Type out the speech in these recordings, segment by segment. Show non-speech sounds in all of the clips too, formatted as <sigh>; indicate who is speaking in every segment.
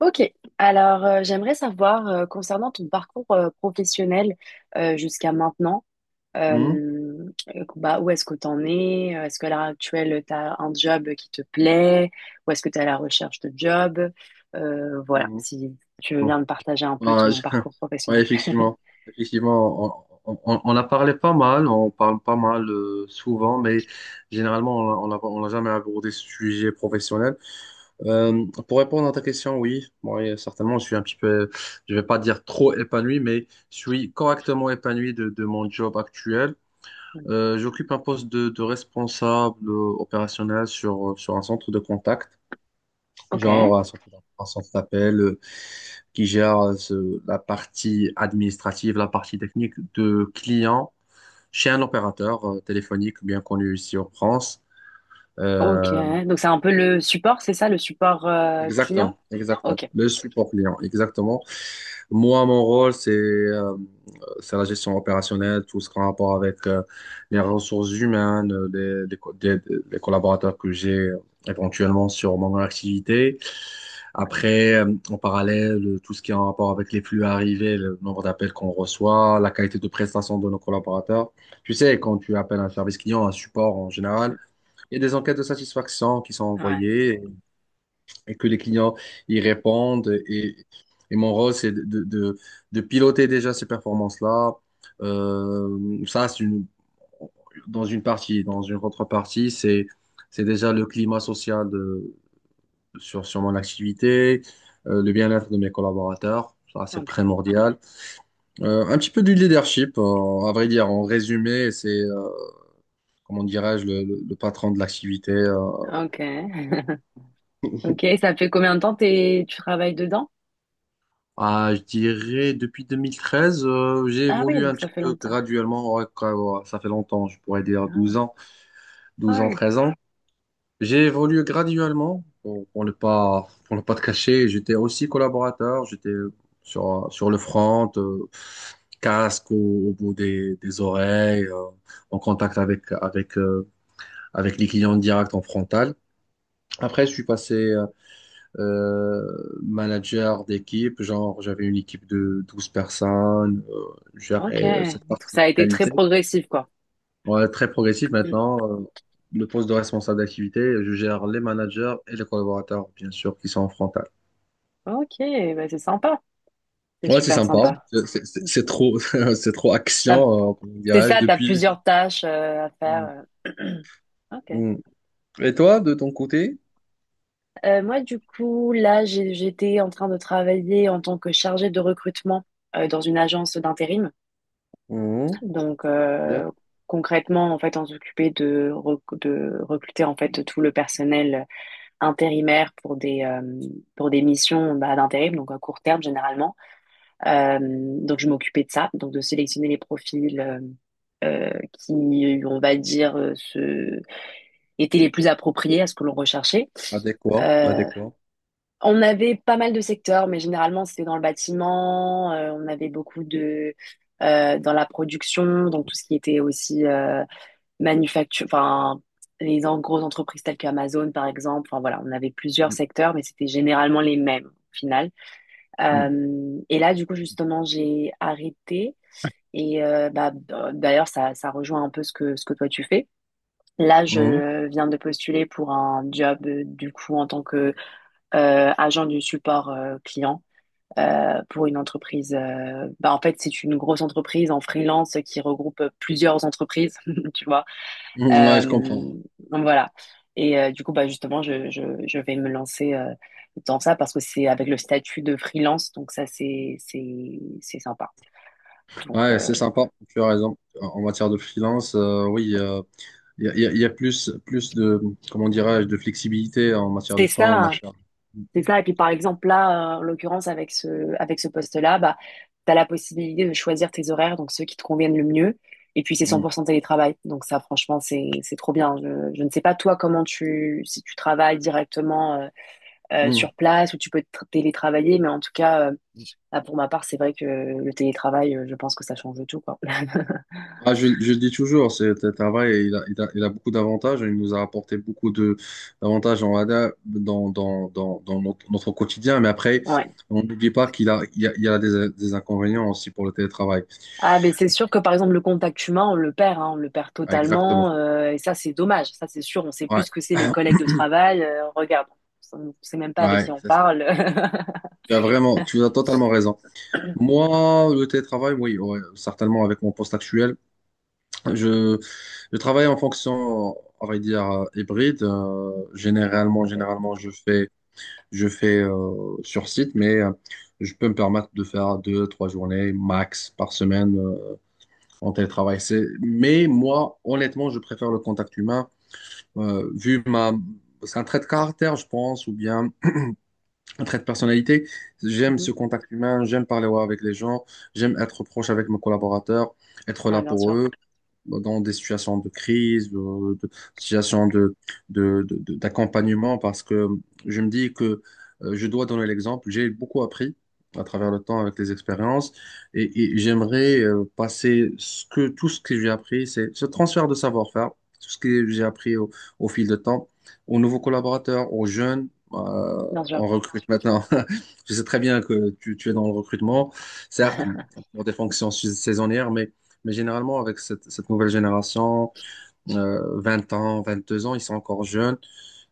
Speaker 1: Ok, alors j'aimerais savoir concernant ton parcours professionnel jusqu'à maintenant,
Speaker 2: Mhm.
Speaker 1: bah, où est-ce que tu en es? Est-ce qu'à l'heure actuelle, tu as un job qui te plaît? Ou est-ce que tu es à la recherche de job? Voilà,
Speaker 2: Mhm.
Speaker 1: si tu veux
Speaker 2: Bon.
Speaker 1: bien me partager un peu
Speaker 2: Ah,
Speaker 1: ton
Speaker 2: je- <laughs>
Speaker 1: parcours
Speaker 2: ouais,
Speaker 1: professionnel. <laughs>
Speaker 2: effectivement, effectivement, on a parlé pas mal, on parle pas mal souvent, mais généralement, on n'a on a- on a jamais abordé ce sujet professionnel. Pour répondre à ta question, oui, oui, certainement, je suis un petit peu, je vais pas dire trop épanoui, mais je suis correctement épanoui de mon job actuel. J'occupe un poste de responsable opérationnel sur un centre de contact.
Speaker 1: Ok,
Speaker 2: Genre un un centre d'appel qui gère la partie administrative, la partie technique de clients chez un opérateur téléphonique bien connu ici en France.
Speaker 1: ok,
Speaker 2: Euh,
Speaker 1: donc c'est un peu le support, c'est ça, le support
Speaker 2: Exactement,
Speaker 1: client?
Speaker 2: exactement.
Speaker 1: Ok,
Speaker 2: Le support client, exactement. Moi, mon rôle, c'est la gestion opérationnelle, tout ce qui a rapport avec les ressources humaines, des les collaborateurs que j'ai éventuellement sur mon activité.
Speaker 1: ok,
Speaker 2: Après, en parallèle, tout ce qui est en rapport avec les flux arrivés, le nombre d'appels qu'on reçoit, la qualité de prestation de nos collaborateurs. Tu sais, quand tu appelles un service client, un support en général, il y a des enquêtes de satisfaction qui sont
Speaker 1: ouais,
Speaker 2: envoyées et, que les clients y répondent. Et mon rôle, c'est de piloter déjà ces performances-là. Ça, c'est une, dans une partie. Dans une autre partie, c'est déjà le climat social sur mon activité, le bien-être de mes collaborateurs. Ça, c'est
Speaker 1: ok,
Speaker 2: primordial. Un petit peu du leadership, à vrai dire. En résumé, comment dirais-je, le patron de l'activité.
Speaker 1: ok. <laughs> Ok, ça fait combien de temps tu travailles dedans?
Speaker 2: Ah, je dirais, depuis 2013, j'ai
Speaker 1: Ah oui,
Speaker 2: évolué un
Speaker 1: donc
Speaker 2: petit
Speaker 1: ça fait
Speaker 2: peu
Speaker 1: longtemps.
Speaker 2: graduellement. Ouais, quoi, ouais, ça fait longtemps, je pourrais dire
Speaker 1: Ah oui.
Speaker 2: douze ans, douze
Speaker 1: Ah
Speaker 2: ans,
Speaker 1: oui.
Speaker 2: treize ans. J'ai évolué graduellement, pour ne pas te cacher. J'étais aussi collaborateur, j'étais sur le front, casque au bout des oreilles, en contact avec les clients directs en frontal. Après, je suis passé manager d'équipe, genre j'avais une équipe de 12 personnes, je
Speaker 1: Ok.
Speaker 2: gérais
Speaker 1: Et
Speaker 2: cette
Speaker 1: tout ça
Speaker 2: partie
Speaker 1: a été très
Speaker 2: qualité.
Speaker 1: progressif, quoi.
Speaker 2: Ouais, très progressif
Speaker 1: Mm.
Speaker 2: maintenant. Le poste de responsable d'activité, je gère les managers et les collaborateurs, bien sûr, qui sont en frontal.
Speaker 1: Ok, bah c'est sympa. C'est
Speaker 2: Ouais, c'est
Speaker 1: super
Speaker 2: sympa.
Speaker 1: sympa.
Speaker 2: C'est trop, <laughs> c'est trop
Speaker 1: T'as-
Speaker 2: action, comment
Speaker 1: C'est
Speaker 2: dirais-je,
Speaker 1: ça, t'as
Speaker 2: depuis.
Speaker 1: plusieurs tâches à faire. euh. <clears throat> Ok.
Speaker 2: Mm. Et toi, de ton côté?
Speaker 1: Moi, du coup, là, j'étais en train de travailler en tant que chargée de recrutement dans une agence d'intérim.
Speaker 2: Mm.
Speaker 1: Donc,
Speaker 2: Bien.
Speaker 1: concrètement, en fait, on s'occupait de recruter en fait tout le personnel intérimaire pour des missions bah, d'intérim, donc à court terme généralement. Euh, donc je m'occupais de ça, donc de sélectionner les profils qui, on va dire, étaient les plus appropriés à ce que l'on recherchait.
Speaker 2: Adéquat,
Speaker 1: Euh,
Speaker 2: adéquat.
Speaker 1: on avait pas mal de secteurs, mais généralement c'était dans le bâtiment. On avait beaucoup de dans la production, donc tout ce qui était aussi manufacture, enfin grosses entreprises telles qu'Amazon par exemple. Enfin voilà, on avait plusieurs
Speaker 2: Mm.
Speaker 1: secteurs, mais c'était généralement les mêmes au final. Et là du coup justement j'ai arrêté et bah, d'ailleurs, ça rejoint un peu ce que toi tu fais. Là,
Speaker 2: Mm.
Speaker 1: je viens de postuler pour un job, du coup, en tant que agent du support client pour une entreprise. Bah, en fait, c'est une grosse entreprise en freelance qui regroupe plusieurs entreprises, <laughs> tu vois.
Speaker 2: Mm. Ouais, je
Speaker 1: Euh,
Speaker 2: comprends.
Speaker 1: donc voilà. Et du coup, bah, justement, je vais me lancer dans ça parce que c'est avec le statut de freelance, donc ça, c'est sympa. Donc,
Speaker 2: Ouais, c'est sympa. Tu as raison. En matière de freelance, oui, il y a, il y a- il y a plus, plus comment dirais-je, de flexibilité en matière
Speaker 1: c'est
Speaker 2: de
Speaker 1: ça.
Speaker 2: temps, en
Speaker 1: Hein.
Speaker 2: matière.
Speaker 1: C'est ça. Et puis, par exemple, là, en l'occurrence, avec ce poste-là, bah, tu as la possibilité de choisir tes horaires, donc ceux qui te conviennent le mieux. Et puis, c'est
Speaker 2: Mm.
Speaker 1: 100% télétravail. Donc, ça, franchement, c'est trop bien. Je ne sais pas, toi, si tu travailles directement
Speaker 2: Mm.
Speaker 1: sur place ou tu peux télétravailler, mais en tout cas, bah, pour ma part, c'est vrai que le télétravail, je pense que ça change tout, quoi. <laughs>
Speaker 2: Ah, je le dis toujours, ce travail, il a beaucoup d'avantages. Il nous a apporté beaucoup de d'avantages en ADA dans notre quotidien. Mais après,
Speaker 1: Ouais.
Speaker 2: on n'oublie pas qu'il a, il y a, il y a des inconvénients aussi pour le télétravail.
Speaker 1: Ah, mais c'est sûr que par exemple, le contact humain, on le perd, hein, on le perd
Speaker 2: Ah, exactement.
Speaker 1: totalement. Et ça, c'est dommage. Ça, c'est sûr. On sait plus
Speaker 2: Ouais,
Speaker 1: ce que c'est les
Speaker 2: <clears throat>
Speaker 1: collègues de travail. Regarde, on sait même pas avec qui
Speaker 2: ouais,
Speaker 1: on
Speaker 2: c'est ça.
Speaker 1: parle. <laughs>
Speaker 2: Tu as vraiment, tu as totalement raison. Moi, le télétravail, oui, ouais, certainement avec mon poste actuel, je, je travaille en fonction, on va dire, hybride. Généralement,
Speaker 1: Ok.
Speaker 2: généralement, je fais Je fais sur site, mais je peux me permettre de faire 2, 3 journées max par semaine en télétravail. Mais moi, honnêtement, je préfère le contact humain. euh, vu ma... C'est un trait de caractère, je pense, ou bien un trait de personnalité. J'aime
Speaker 1: Mhm.
Speaker 2: ce contact humain, j'aime parler ouais, avec les gens, j'aime être proche avec mes collaborateurs, être
Speaker 1: Ouais,
Speaker 2: là
Speaker 1: bien
Speaker 2: pour
Speaker 1: sûr.
Speaker 2: eux dans des situations de crise, de situations d'accompagnement, parce que je me dis que je dois donner l'exemple. J'ai beaucoup appris à travers le temps avec les expériences et j'aimerais passer tout ce que j'ai appris, c'est ce transfert de savoir-faire, tout ce que j'ai appris au fil de temps, aux nouveaux collaborateurs, aux jeunes. euh,
Speaker 1: Bien sûr.
Speaker 2: on recrute maintenant. <laughs> Je sais très bien que tu es dans le recrutement, certes, pour des saisonnières, mais généralement, avec cette nouvelle génération, 20 ans, 22 ans, ils sont encore jeunes.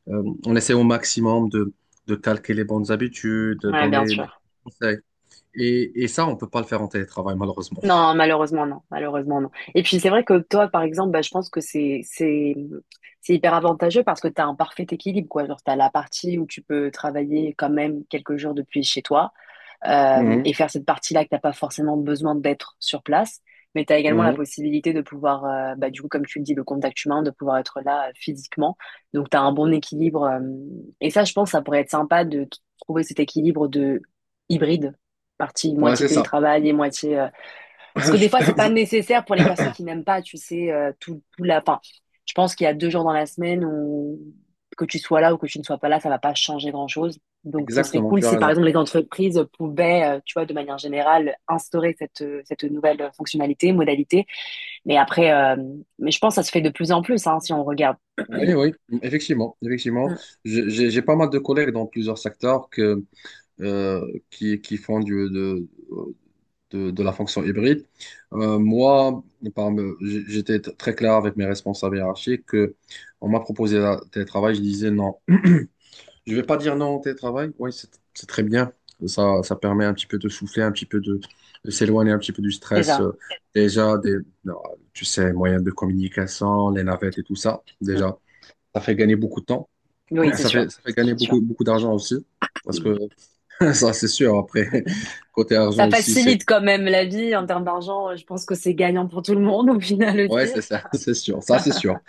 Speaker 2: On essaie au maximum de calquer les bonnes habitudes, de
Speaker 1: Ouais, bien
Speaker 2: donner les
Speaker 1: sûr.
Speaker 2: conseils. Et ça, on peut pas le faire en télétravail, malheureusement.
Speaker 1: Non, malheureusement, non. Malheureusement, non. Et puis, c'est vrai que toi, par exemple, bah, je pense que c'est hyper avantageux parce que tu as un parfait équilibre, quoi. Genre, tu as la partie où tu peux travailler quand même quelques jours depuis chez toi. euh,
Speaker 2: Mhm,
Speaker 1: et faire cette partie-là que t'as pas forcément besoin d'être sur place. Mais tu as également la
Speaker 2: mhm.
Speaker 1: possibilité de pouvoir, bah, du coup, comme tu le dis, le contact humain, de pouvoir être là physiquement. Donc, tu as un bon équilibre. Et ça, je pense, ça pourrait être sympa de trouver cet équilibre de hybride, partie
Speaker 2: Ouais,
Speaker 1: moitié
Speaker 2: c'est ça.
Speaker 1: télétravail et moitié parce
Speaker 2: <laughs>
Speaker 1: que des
Speaker 2: Je-
Speaker 1: fois, c'est pas
Speaker 2: <coughs>
Speaker 1: nécessaire pour les personnes qui n'aiment pas, tu sais, Enfin, je pense qu'il y a 2 jours dans la semaine où que tu sois là ou que tu ne sois pas là, ça va pas changer grand-chose. Donc, ce serait
Speaker 2: Exactement,
Speaker 1: cool
Speaker 2: tu as
Speaker 1: si, par
Speaker 2: raison.
Speaker 1: exemple, les entreprises pouvaient, tu vois, de manière générale, instaurer cette nouvelle fonctionnalité, modalité. Mais après, je pense que ça se fait de plus en plus, hein, si on regarde. <coughs>
Speaker 2: Oui, oui,
Speaker 1: <clears throat>
Speaker 2: effectivement, effectivement.
Speaker 1: Mm.
Speaker 2: J'ai pas mal de collègues dans plusieurs secteurs qui font de la fonction hybride. Moi, j'étais très clair avec mes responsables hiérarchiques que on m'a proposé le télétravail, je disais non. Je vais pas dire non au télétravail, oui, c'est très bien. Ça permet un petit peu de souffler, un petit peu de s'éloigner un petit peu du
Speaker 1: C'est
Speaker 2: stress.
Speaker 1: ça.
Speaker 2: Déjà, des, non, tu sais, moyens de communication, les navettes et tout ça,
Speaker 1: Mm.
Speaker 2: déjà, ça fait gagner beaucoup de temps.
Speaker 1: Oui, c'est
Speaker 2: Ça fait,
Speaker 1: sûr.
Speaker 2: ça fait gagner
Speaker 1: C'est sûr.
Speaker 2: beaucoup, beaucoup d'argent aussi. Parce
Speaker 1: Mm.
Speaker 2: que <laughs> ça, c'est sûr. Après, <laughs> côté argent
Speaker 1: Ça
Speaker 2: aussi, c'est.
Speaker 1: facilite quand même la vie en termes d'argent. Je pense que c'est gagnant pour tout le monde au final
Speaker 2: Ouais,
Speaker 1: aussi.
Speaker 2: c'est ça, <laughs> c'est sûr. Ça, c'est sûr.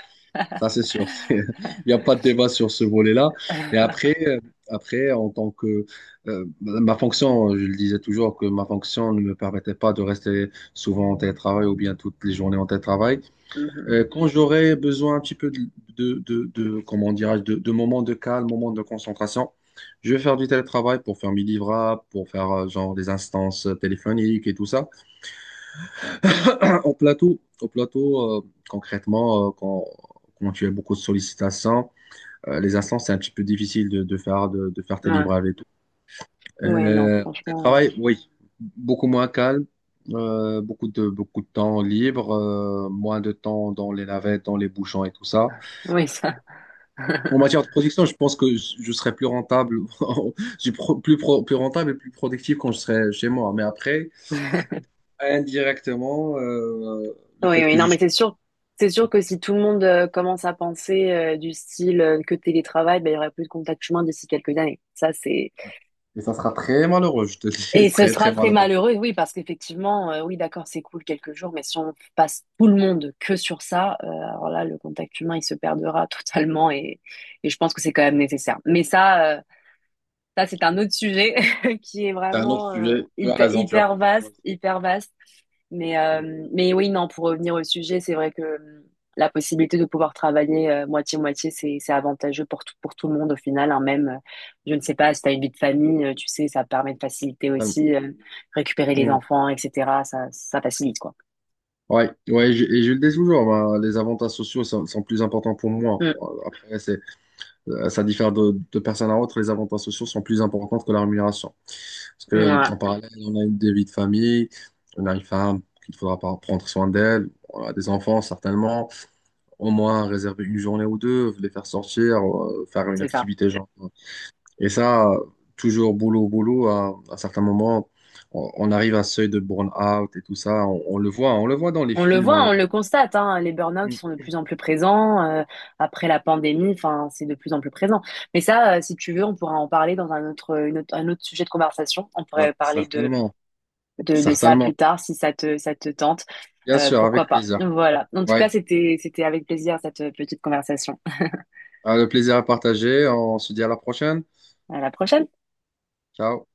Speaker 2: Ça, c'est sûr. <laughs> Il n'y a pas de débat sur ce volet-là. Et après, en tant que. Ma fonction, je le disais toujours, que ma fonction ne me permettait pas de rester souvent en télétravail ou bien toutes les journées en télétravail.
Speaker 1: Mhm.
Speaker 2: Quand j'aurais besoin un petit peu comment dirais-je, de moments de calme, moments de concentration, je vais faire du télétravail pour faire mes livrables, pour faire genre des instances téléphoniques et tout ça. <clears throat> Au plateau concrètement, quand tu as beaucoup de sollicitations, les instants, c'est un petit peu difficile de faire, de faire tes
Speaker 1: Ouais,
Speaker 2: livrables et tout.
Speaker 1: ouais, non,
Speaker 2: Le
Speaker 1: franchement,
Speaker 2: travail, oui, beaucoup moins calme, beaucoup beaucoup de temps libre, moins de temps dans les navettes, dans les bouchons et tout ça.
Speaker 1: oui, ça. <laughs>
Speaker 2: En matière de production, je pense que je serai plus rentable, <laughs> je suis plus rentable et plus productif quand je serai chez moi. Mais après, indirectement, le
Speaker 1: Oui,
Speaker 2: fait
Speaker 1: oui,
Speaker 2: que
Speaker 1: non, mais
Speaker 2: je.
Speaker 1: c'est sûr que si tout le monde commence à penser du style que télétravail, ben, il y aurait plus de contact humain d'ici quelques années.
Speaker 2: Et ça sera très malheureux, je te le
Speaker 1: Et
Speaker 2: dis, <laughs>
Speaker 1: ce
Speaker 2: très
Speaker 1: sera
Speaker 2: très
Speaker 1: très
Speaker 2: malheureux.
Speaker 1: malheureux, oui, parce qu'effectivement, oui, d'accord, c'est cool quelques jours, mais si on passe tout le monde que sur ça, alors là, le contact humain, il se perdra <laughs> totalement et je pense que c'est quand même nécessaire. Mais ça, c'est un autre sujet <laughs> qui est
Speaker 2: C'est un autre
Speaker 1: vraiment
Speaker 2: sujet. Tu as
Speaker 1: hyper,
Speaker 2: raison, tu as
Speaker 1: hyper
Speaker 2: parfaitement
Speaker 1: vaste,
Speaker 2: raison.
Speaker 1: hyper vaste. Mais, oui, non, pour revenir au sujet, c'est vrai que la possibilité de pouvoir travailler moitié-moitié, c'est avantageux pour tout le monde au final. Hein. Même, je ne sais pas, si tu as une vie de famille, tu sais, ça permet de faciliter
Speaker 2: Totalement.
Speaker 1: aussi récupérer les
Speaker 2: Mm.
Speaker 1: enfants, etc. Ça facilite, quoi.
Speaker 2: Ouais, ouais, et je le dis toujours, bah, les avantages sociaux sont plus importants pour moi.
Speaker 1: Mm,
Speaker 2: Bon, après, ça diffère de personne à autre, les avantages sociaux sont plus importants que la rémunération. Parce que
Speaker 1: ouais,
Speaker 2: en parallèle, on a une des vies de famille, on a une femme qu'il faudra pas prendre soin d'elle, on a des enfants certainement, au moins réserver une journée ou deux, les faire sortir, faire une
Speaker 1: c'est ça.
Speaker 2: activité genre. Et ça, toujours boulot, boulot, à certains moments, on arrive à un seuil de burn-out et tout ça. On le voit dans les
Speaker 1: On le
Speaker 2: films, on le
Speaker 1: voit, on le
Speaker 2: voit.
Speaker 1: constate, hein, les burn-out
Speaker 2: Mm.
Speaker 1: ils sont de plus en plus présents après la pandémie, enfin c'est de plus en plus présent. Mais ça, si tu veux, on pourra en parler dans un autre sujet de conversation. On
Speaker 2: Ah,
Speaker 1: pourrait parler de,
Speaker 2: certainement,
Speaker 1: de, de ça
Speaker 2: certainement.
Speaker 1: plus tard si ça te tente.
Speaker 2: Bien
Speaker 1: Euh,
Speaker 2: sûr, avec
Speaker 1: pourquoi pas.
Speaker 2: plaisir.
Speaker 1: Voilà. En tout cas,
Speaker 2: Ouais,
Speaker 1: c'était avec plaisir cette petite conversation.
Speaker 2: ah, le plaisir à partager. On se dit à la prochaine.
Speaker 1: À la prochaine.
Speaker 2: Ciao.